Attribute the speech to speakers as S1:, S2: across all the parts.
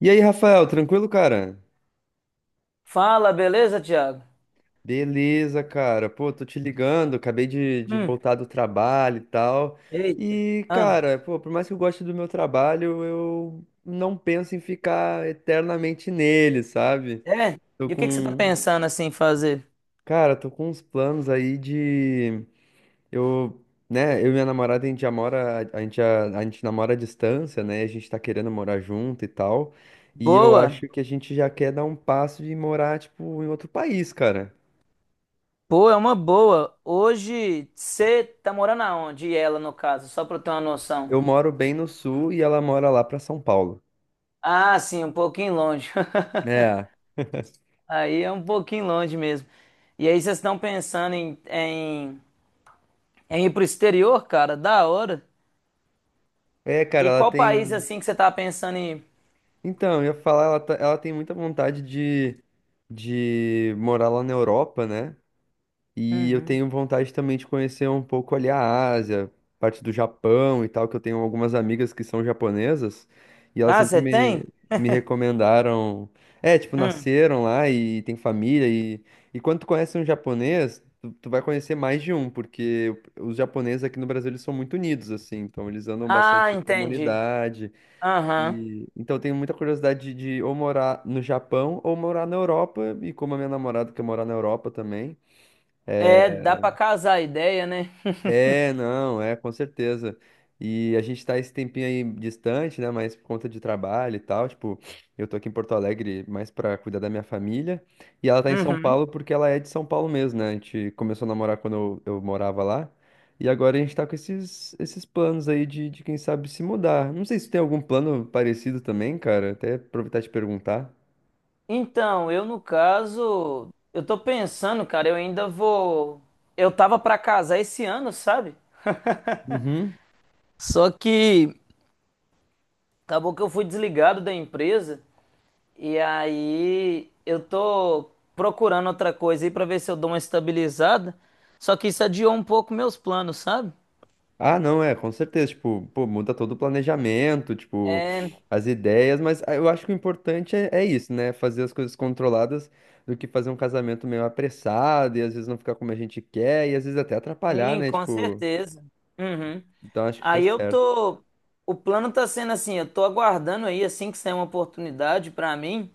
S1: E aí, Rafael, tranquilo, cara?
S2: Fala, beleza, Thiago?
S1: Beleza, cara. Pô, tô te ligando, acabei de
S2: Hum,
S1: voltar do trabalho e tal.
S2: eita.
S1: E,
S2: Ah,
S1: cara, pô, por mais que eu goste do meu trabalho, eu não penso em ficar eternamente nele, sabe?
S2: é?
S1: Tô
S2: E o que que você tá
S1: com.
S2: pensando assim fazer?
S1: Cara, tô com uns planos aí de. Eu, né, eu e minha namorada, a gente já mora. A gente namora à distância, né? A gente tá querendo morar junto e tal. E eu
S2: Boa?
S1: acho que a gente já quer dar um passo de morar, tipo, em outro país, cara.
S2: Pô, é uma boa. Hoje você tá morando aonde? E ela, no caso, só pra eu ter uma noção.
S1: Eu moro bem no sul e ela mora lá pra São Paulo.
S2: Ah, sim, um pouquinho longe.
S1: É.
S2: Aí é um pouquinho longe mesmo. E aí vocês estão pensando em, ir pro exterior, cara? Da hora.
S1: É, cara,
S2: E
S1: ela
S2: qual país
S1: tem.
S2: assim que você tá pensando em ir?
S1: Então, eu ia falar, ela tem muita vontade de morar lá na Europa, né? E eu
S2: Uhum.
S1: tenho vontade também de conhecer um pouco ali a Ásia, parte do Japão e tal, que eu tenho algumas amigas que são japonesas e elas
S2: Ah,
S1: sempre
S2: você
S1: me,
S2: tem?
S1: me recomendaram. É, tipo,
S2: Hum.
S1: nasceram lá e tem família. E quando tu conhece um japonês, tu vai conhecer mais de um, porque os japoneses aqui no Brasil eles são muito unidos, assim, então eles andam
S2: Ah,
S1: bastante em
S2: entendi.
S1: comunidade.
S2: Aham.
S1: E então, eu tenho muita curiosidade de ou morar no Japão ou morar na Europa, e como a minha namorada quer morar na Europa também.
S2: É, dá pra casar a ideia, né?
S1: É, não, é, com certeza. E a gente tá esse tempinho aí distante, né? Mas por conta de trabalho e tal. Tipo, eu tô aqui em Porto Alegre mais pra cuidar da minha família. E ela tá em São
S2: Uhum.
S1: Paulo porque ela é de São Paulo mesmo, né? A gente começou a namorar quando eu morava lá. E agora a gente tá com esses planos aí quem sabe, se mudar. Não sei se tem algum plano parecido também, cara. Até aproveitar e te perguntar.
S2: Então, eu no caso, eu tô pensando, cara, eu ainda vou. Eu tava pra casar esse ano, sabe?
S1: Uhum.
S2: Só que acabou que eu fui desligado da empresa e aí eu tô procurando outra coisa aí pra ver se eu dou uma estabilizada. Só que isso adiou um pouco meus planos, sabe?
S1: Ah, não, é, com certeza, tipo, pô, muda todo o planejamento, tipo,
S2: É,
S1: as ideias, mas ah, eu acho que o importante é, é isso, né? Fazer as coisas controladas do que fazer um casamento meio apressado e às vezes não ficar como a gente quer e às vezes até atrapalhar,
S2: sim,
S1: né?
S2: com
S1: Tipo,
S2: certeza. Uhum.
S1: então acho que fez
S2: Aí eu
S1: certo.
S2: tô. O plano tá sendo assim, eu tô aguardando aí, assim que sair uma oportunidade para mim,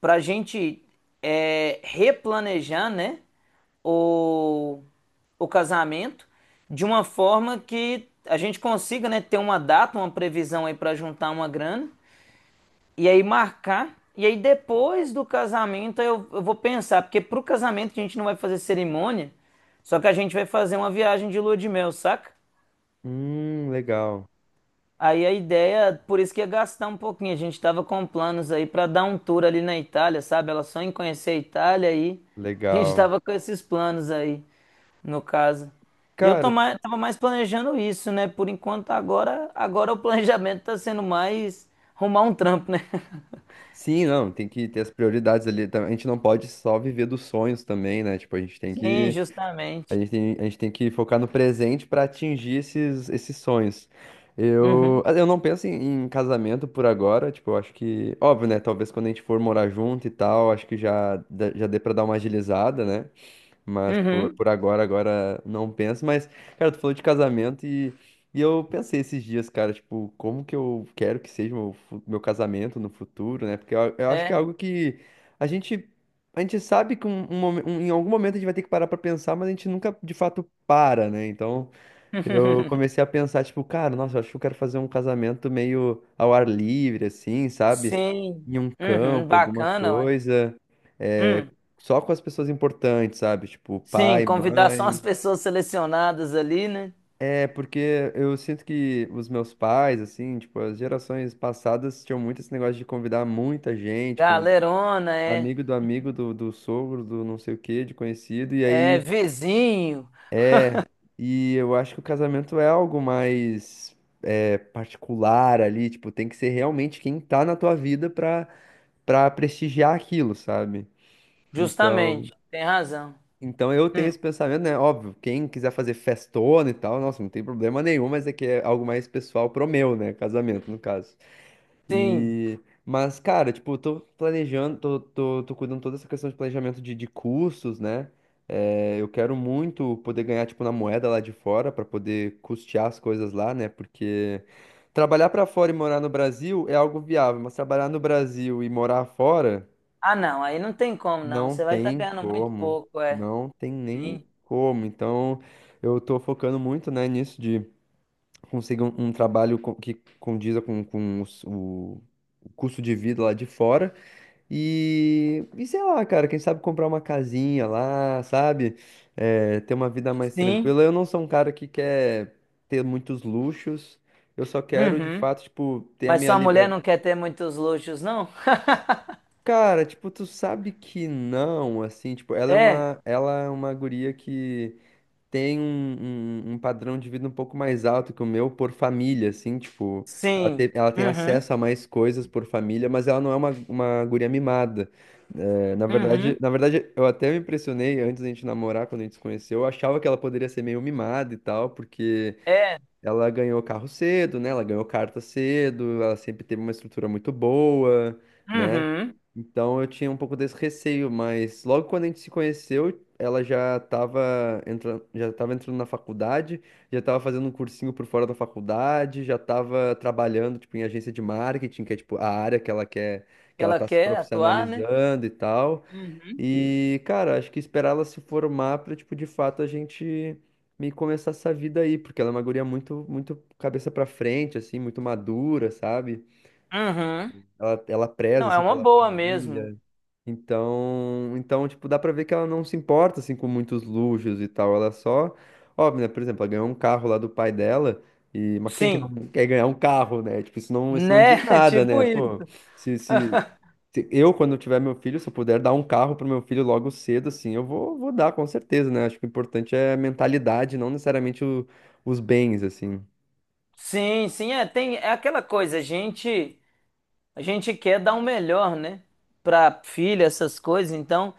S2: pra gente replanejar, né, o, o casamento de uma forma que a gente consiga, né, ter uma data, uma previsão aí para juntar uma grana e aí marcar. E aí depois do casamento eu vou pensar, porque pro casamento a gente não vai fazer cerimônia, só que a gente vai fazer uma viagem de lua de mel, saca?
S1: Legal,
S2: Aí a ideia, por isso que ia gastar um pouquinho, a gente tava com planos aí pra dar um tour ali na Itália, sabe? Ela só em conhecer a Itália aí. A gente
S1: legal.
S2: tava com esses planos aí, no caso. E
S1: Cara,
S2: tava mais planejando isso, né? Por enquanto agora, o planejamento tá sendo mais arrumar um trampo, né?
S1: sim, não, tem que ter as prioridades ali. Tá? A gente não pode só viver dos sonhos também, né? Tipo, a gente tem
S2: Sim,
S1: que.
S2: justamente.
S1: A gente tem que focar no presente para atingir esses, esses sonhos.
S2: Uhum.
S1: Eu não penso em, em casamento por agora, tipo, eu acho que, óbvio, né? Talvez quando a gente for morar junto e tal, acho que já, dá- já dê para dar uma agilizada, né? Mas
S2: Uhum.
S1: por agora, agora não penso. Mas, cara, tu falou de casamento e eu pensei esses dias, cara, tipo, como que eu quero que seja meu, fu- meu casamento no futuro, né? Porque eu acho
S2: É,
S1: que é algo que a gente, a gente sabe que um, em algum momento a gente vai ter que parar pra pensar, mas a gente nunca de fato para, né? Então eu comecei a pensar, tipo, cara, nossa, eu acho que eu quero fazer um casamento meio ao ar livre, assim, sabe?
S2: sim.
S1: Em um
S2: Uhum,
S1: campo, alguma
S2: bacana, ué.
S1: coisa
S2: Hum.
S1: só com as pessoas importantes, sabe? Tipo,
S2: Sim,
S1: pai,
S2: convidar só as
S1: mãe.
S2: pessoas selecionadas ali, né?
S1: É, porque eu sinto que os meus pais, assim, tipo, as gerações passadas tinham muito esse negócio de convidar muita gente, convidar
S2: Galerona, é,
S1: amigo do amigo, do sogro, do não sei o quê, de conhecido, e
S2: é
S1: aí.
S2: vizinho,
S1: E eu acho que o casamento é algo mais é, particular ali, tipo, tem que ser realmente quem tá na tua vida pra, pra prestigiar aquilo, sabe? Então.
S2: justamente. Tem razão.
S1: Então eu tenho
S2: Hum.
S1: esse pensamento, né? Óbvio, quem quiser fazer festona e tal, nossa, não tem problema nenhum, mas é que é algo mais pessoal pro meu, né? Casamento, no caso.
S2: Sim.
S1: E. Mas, cara, tipo, eu tô planejando, tô cuidando toda essa questão de planejamento de cursos né? É, eu quero muito poder ganhar, tipo, na moeda lá de fora, pra poder custear as coisas lá, né? Porque trabalhar pra fora e morar no Brasil é algo viável, mas trabalhar no Brasil e morar fora.
S2: Ah, não, aí não tem como, não.
S1: Não
S2: Você vai estar
S1: tem
S2: ganhando muito
S1: como,
S2: pouco, é.
S1: não tem nem
S2: Sim.
S1: como. Então, eu tô focando muito, né, nisso de conseguir um trabalho co- que condiza com, o custo de vida lá de fora. E sei lá, cara, quem sabe comprar uma casinha lá, sabe? É, ter uma vida mais
S2: Sim.
S1: tranquila. Eu não sou um cara que quer ter muitos luxos. Eu só quero, de
S2: Uhum.
S1: fato, tipo, ter a
S2: Mas
S1: minha
S2: sua mulher
S1: liberdade.
S2: não quer ter muitos luxos, não?
S1: Cara, tipo, tu sabe que não, assim, tipo,
S2: É.
S1: ela é uma guria que tem um, um padrão de vida um pouco mais alto que o meu por família, assim, tipo,
S2: Sim.
S1: ela tem
S2: Uhum.
S1: acesso a mais coisas por família, mas ela não é uma guria mimada. É,
S2: Uhum.
S1: na verdade, eu até me impressionei antes da gente namorar, quando a gente se conheceu, eu achava que ela poderia ser meio mimada e tal, porque
S2: É.
S1: ela ganhou carro cedo, né? Ela ganhou carta cedo, ela sempre teve uma estrutura muito boa né?
S2: Uhum.
S1: Então eu tinha um pouco desse receio, mas logo quando a gente se conheceu, ela já estava entrando na faculdade, já estava fazendo um cursinho por fora da faculdade, já estava trabalhando tipo em agência de marketing, que é tipo a área que ela quer, que ela
S2: Ela
S1: tá se
S2: quer atuar, né?
S1: profissionalizando e tal.
S2: Uhum.
S1: E, cara, acho que esperar ela se formar para tipo de fato a gente me começar essa vida aí, porque ela é uma guria muito muito cabeça para frente assim, muito madura, sabe?
S2: Uhum.
S1: Ela preza
S2: Não, é
S1: assim
S2: uma
S1: pela
S2: boa mesmo.
S1: família. Então, então, tipo, dá pra ver que ela não se importa, assim, com muitos luxos e tal. Ela só... Óbvio, né? Por exemplo, ela ganhou um carro lá do pai dela. E... Mas quem que não
S2: Sim,
S1: quer ganhar um carro, né? Tipo, isso não diz
S2: né?
S1: nada,
S2: Tipo
S1: né?
S2: isso.
S1: Pô, se, se, se eu, quando eu tiver meu filho, se eu puder dar um carro pro meu filho logo cedo, assim, vou dar, com certeza, né? Acho que o importante é a mentalidade, não necessariamente os bens, assim.
S2: Sim, sim, é, tem, é aquela coisa, a gente. A gente quer dar o melhor, né? Para filha, essas coisas. Então,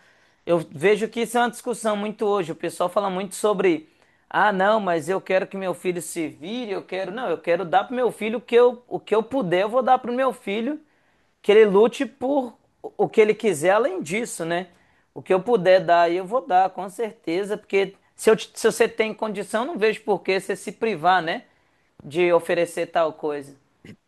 S2: eu vejo que isso é uma discussão muito hoje. O pessoal fala muito sobre, ah, não, mas eu quero que meu filho se vire, eu quero. Não, eu quero dar pro meu filho o que eu puder, eu vou dar pro meu filho que ele lute por o que ele quiser além disso, né? O que eu puder dar, eu vou dar, com certeza, porque se, eu, te- se você tem condição, não vejo por que você se privar, né? De oferecer tal coisa.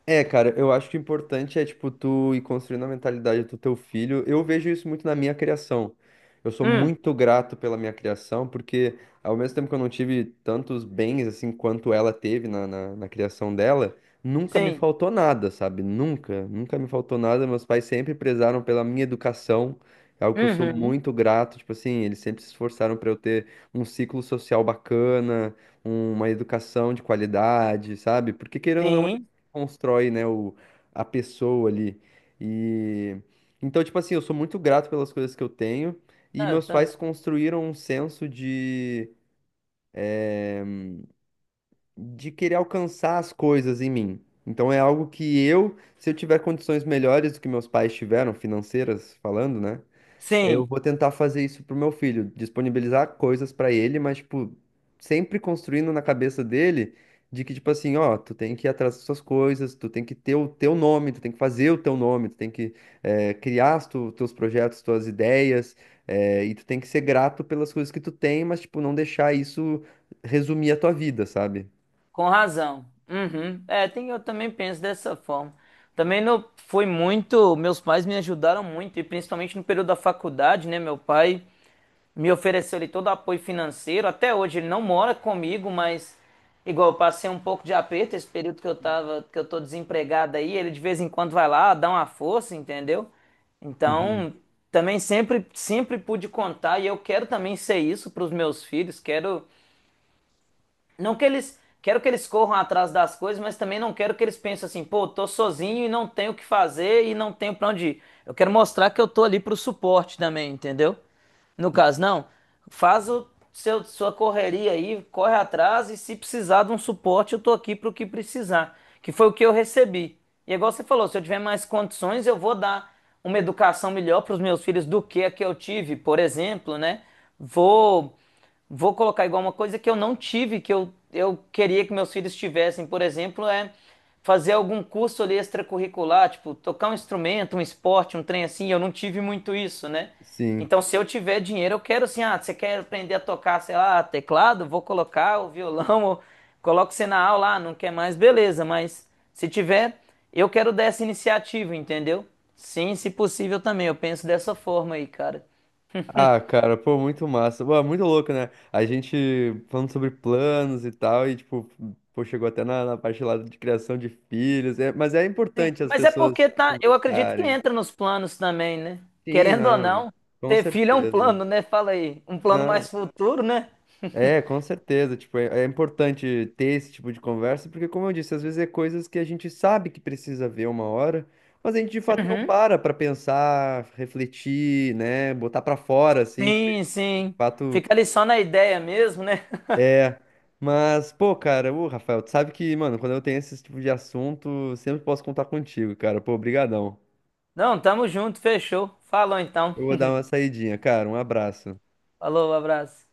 S1: É, cara, eu acho que o importante é, tipo, tu ir construindo a mentalidade do teu filho. Eu vejo isso muito na minha criação. Eu sou
S2: Hum,
S1: muito grato pela minha criação, porque ao mesmo tempo que eu não tive tantos bens, assim, quanto ela teve na, na criação dela, nunca me
S2: sim.
S1: faltou nada, sabe? Nunca, nunca me faltou nada. Meus pais sempre prezaram pela minha educação, é algo que eu sou
S2: Uhum.
S1: muito grato. Tipo assim, eles sempre se esforçaram para eu ter um ciclo social bacana, uma educação de qualidade, sabe? Porque querendo ou não,
S2: Sim.
S1: constrói, né, o, a pessoa ali. E então, tipo assim, eu sou muito grato pelas coisas que eu tenho e
S2: Ah, eu
S1: meus
S2: também.
S1: pais construíram um senso de querer alcançar as coisas em mim. Então é algo que eu, se eu tiver condições melhores do que meus pais tiveram, financeiras falando, né? Eu
S2: Sim,
S1: vou tentar fazer isso pro meu filho, disponibilizar coisas pra ele, mas, tipo, sempre construindo na cabeça dele de que, tipo assim, ó, tu tem que ir atrás das suas coisas, tu tem que ter o teu nome, tu tem que fazer o teu nome, tu tem que eh, criar os teus projetos, tuas ideias, eh, e tu tem que ser grato pelas coisas que tu tem, mas, tipo, não deixar isso resumir a tua vida, sabe?
S2: com razão. Uhum. É, tem, eu também penso dessa forma. Também não foi muito, meus pais me ajudaram muito, e principalmente no período da faculdade, né? Meu pai me ofereceu ali todo o apoio financeiro. Até hoje ele não mora comigo, mas igual eu passei um pouco de aperto esse período que eu tava, que eu tô desempregado aí, ele de vez em quando vai lá, dá uma força, entendeu?
S1: Uhum.
S2: Então, também sempre pude contar e eu quero também ser isso para os meus filhos. Quero Não que eles. Quero que eles corram atrás das coisas, mas também não quero que eles pensem assim, pô, tô sozinho e não tenho o que fazer e não tenho pra onde ir. Eu quero mostrar que eu tô ali pro suporte também, entendeu? No caso, não. Faz sua correria aí, corre atrás e se precisar de um suporte, eu tô aqui pro que precisar. Que foi o que eu recebi. E é igual você falou, se eu tiver mais condições, eu vou dar uma educação melhor pros meus filhos do que a que eu tive, por exemplo, né? Vou vou colocar igual uma coisa que eu não tive, que eu queria que meus filhos tivessem, por exemplo, é fazer algum curso ali extracurricular, tipo, tocar um instrumento, um esporte, um trem assim, eu não tive muito isso, né?
S1: Sim.
S2: Então, se eu tiver dinheiro, eu quero assim, ah, você quer aprender a tocar, sei lá, teclado? Vou colocar o violão, ou coloco você na aula, ah, não quer mais, beleza, mas se tiver, eu quero dar essa iniciativa, entendeu? Sim, se possível também, eu penso dessa forma aí, cara.
S1: Ah, cara, pô, muito massa. Pô, é muito louco, né? A gente falando sobre planos e tal, e tipo, pô, chegou até na, na parte lá de criação de filhos. É, mas é
S2: Sim,
S1: importante as
S2: mas é
S1: pessoas
S2: porque tá, eu acredito que
S1: conversarem.
S2: entra nos planos também, né?
S1: Sim,
S2: Querendo ou
S1: não,
S2: não,
S1: com
S2: ter filho é um
S1: certeza.
S2: plano, né? Fala aí, um plano
S1: Não,
S2: mais futuro, né?
S1: é, com certeza. Tipo, é, é importante ter esse tipo de conversa, porque, como eu disse, às vezes é coisas que a gente sabe que precisa ver uma hora, mas a gente de fato não
S2: Uhum.
S1: para pra pensar, refletir, né? Botar pra fora, assim, tipo,
S2: Sim,
S1: de
S2: sim.
S1: fato.
S2: Fica ali só na ideia mesmo, né?
S1: É, mas, pô, cara, ô, Rafael, tu sabe que, mano, quando eu tenho esse tipo de assunto, sempre posso contar contigo, cara. Pô, brigadão.
S2: Não, tamo junto, fechou. Falou então.
S1: Eu vou dar uma saidinha, cara. Um abraço.
S2: Falou, um abraço.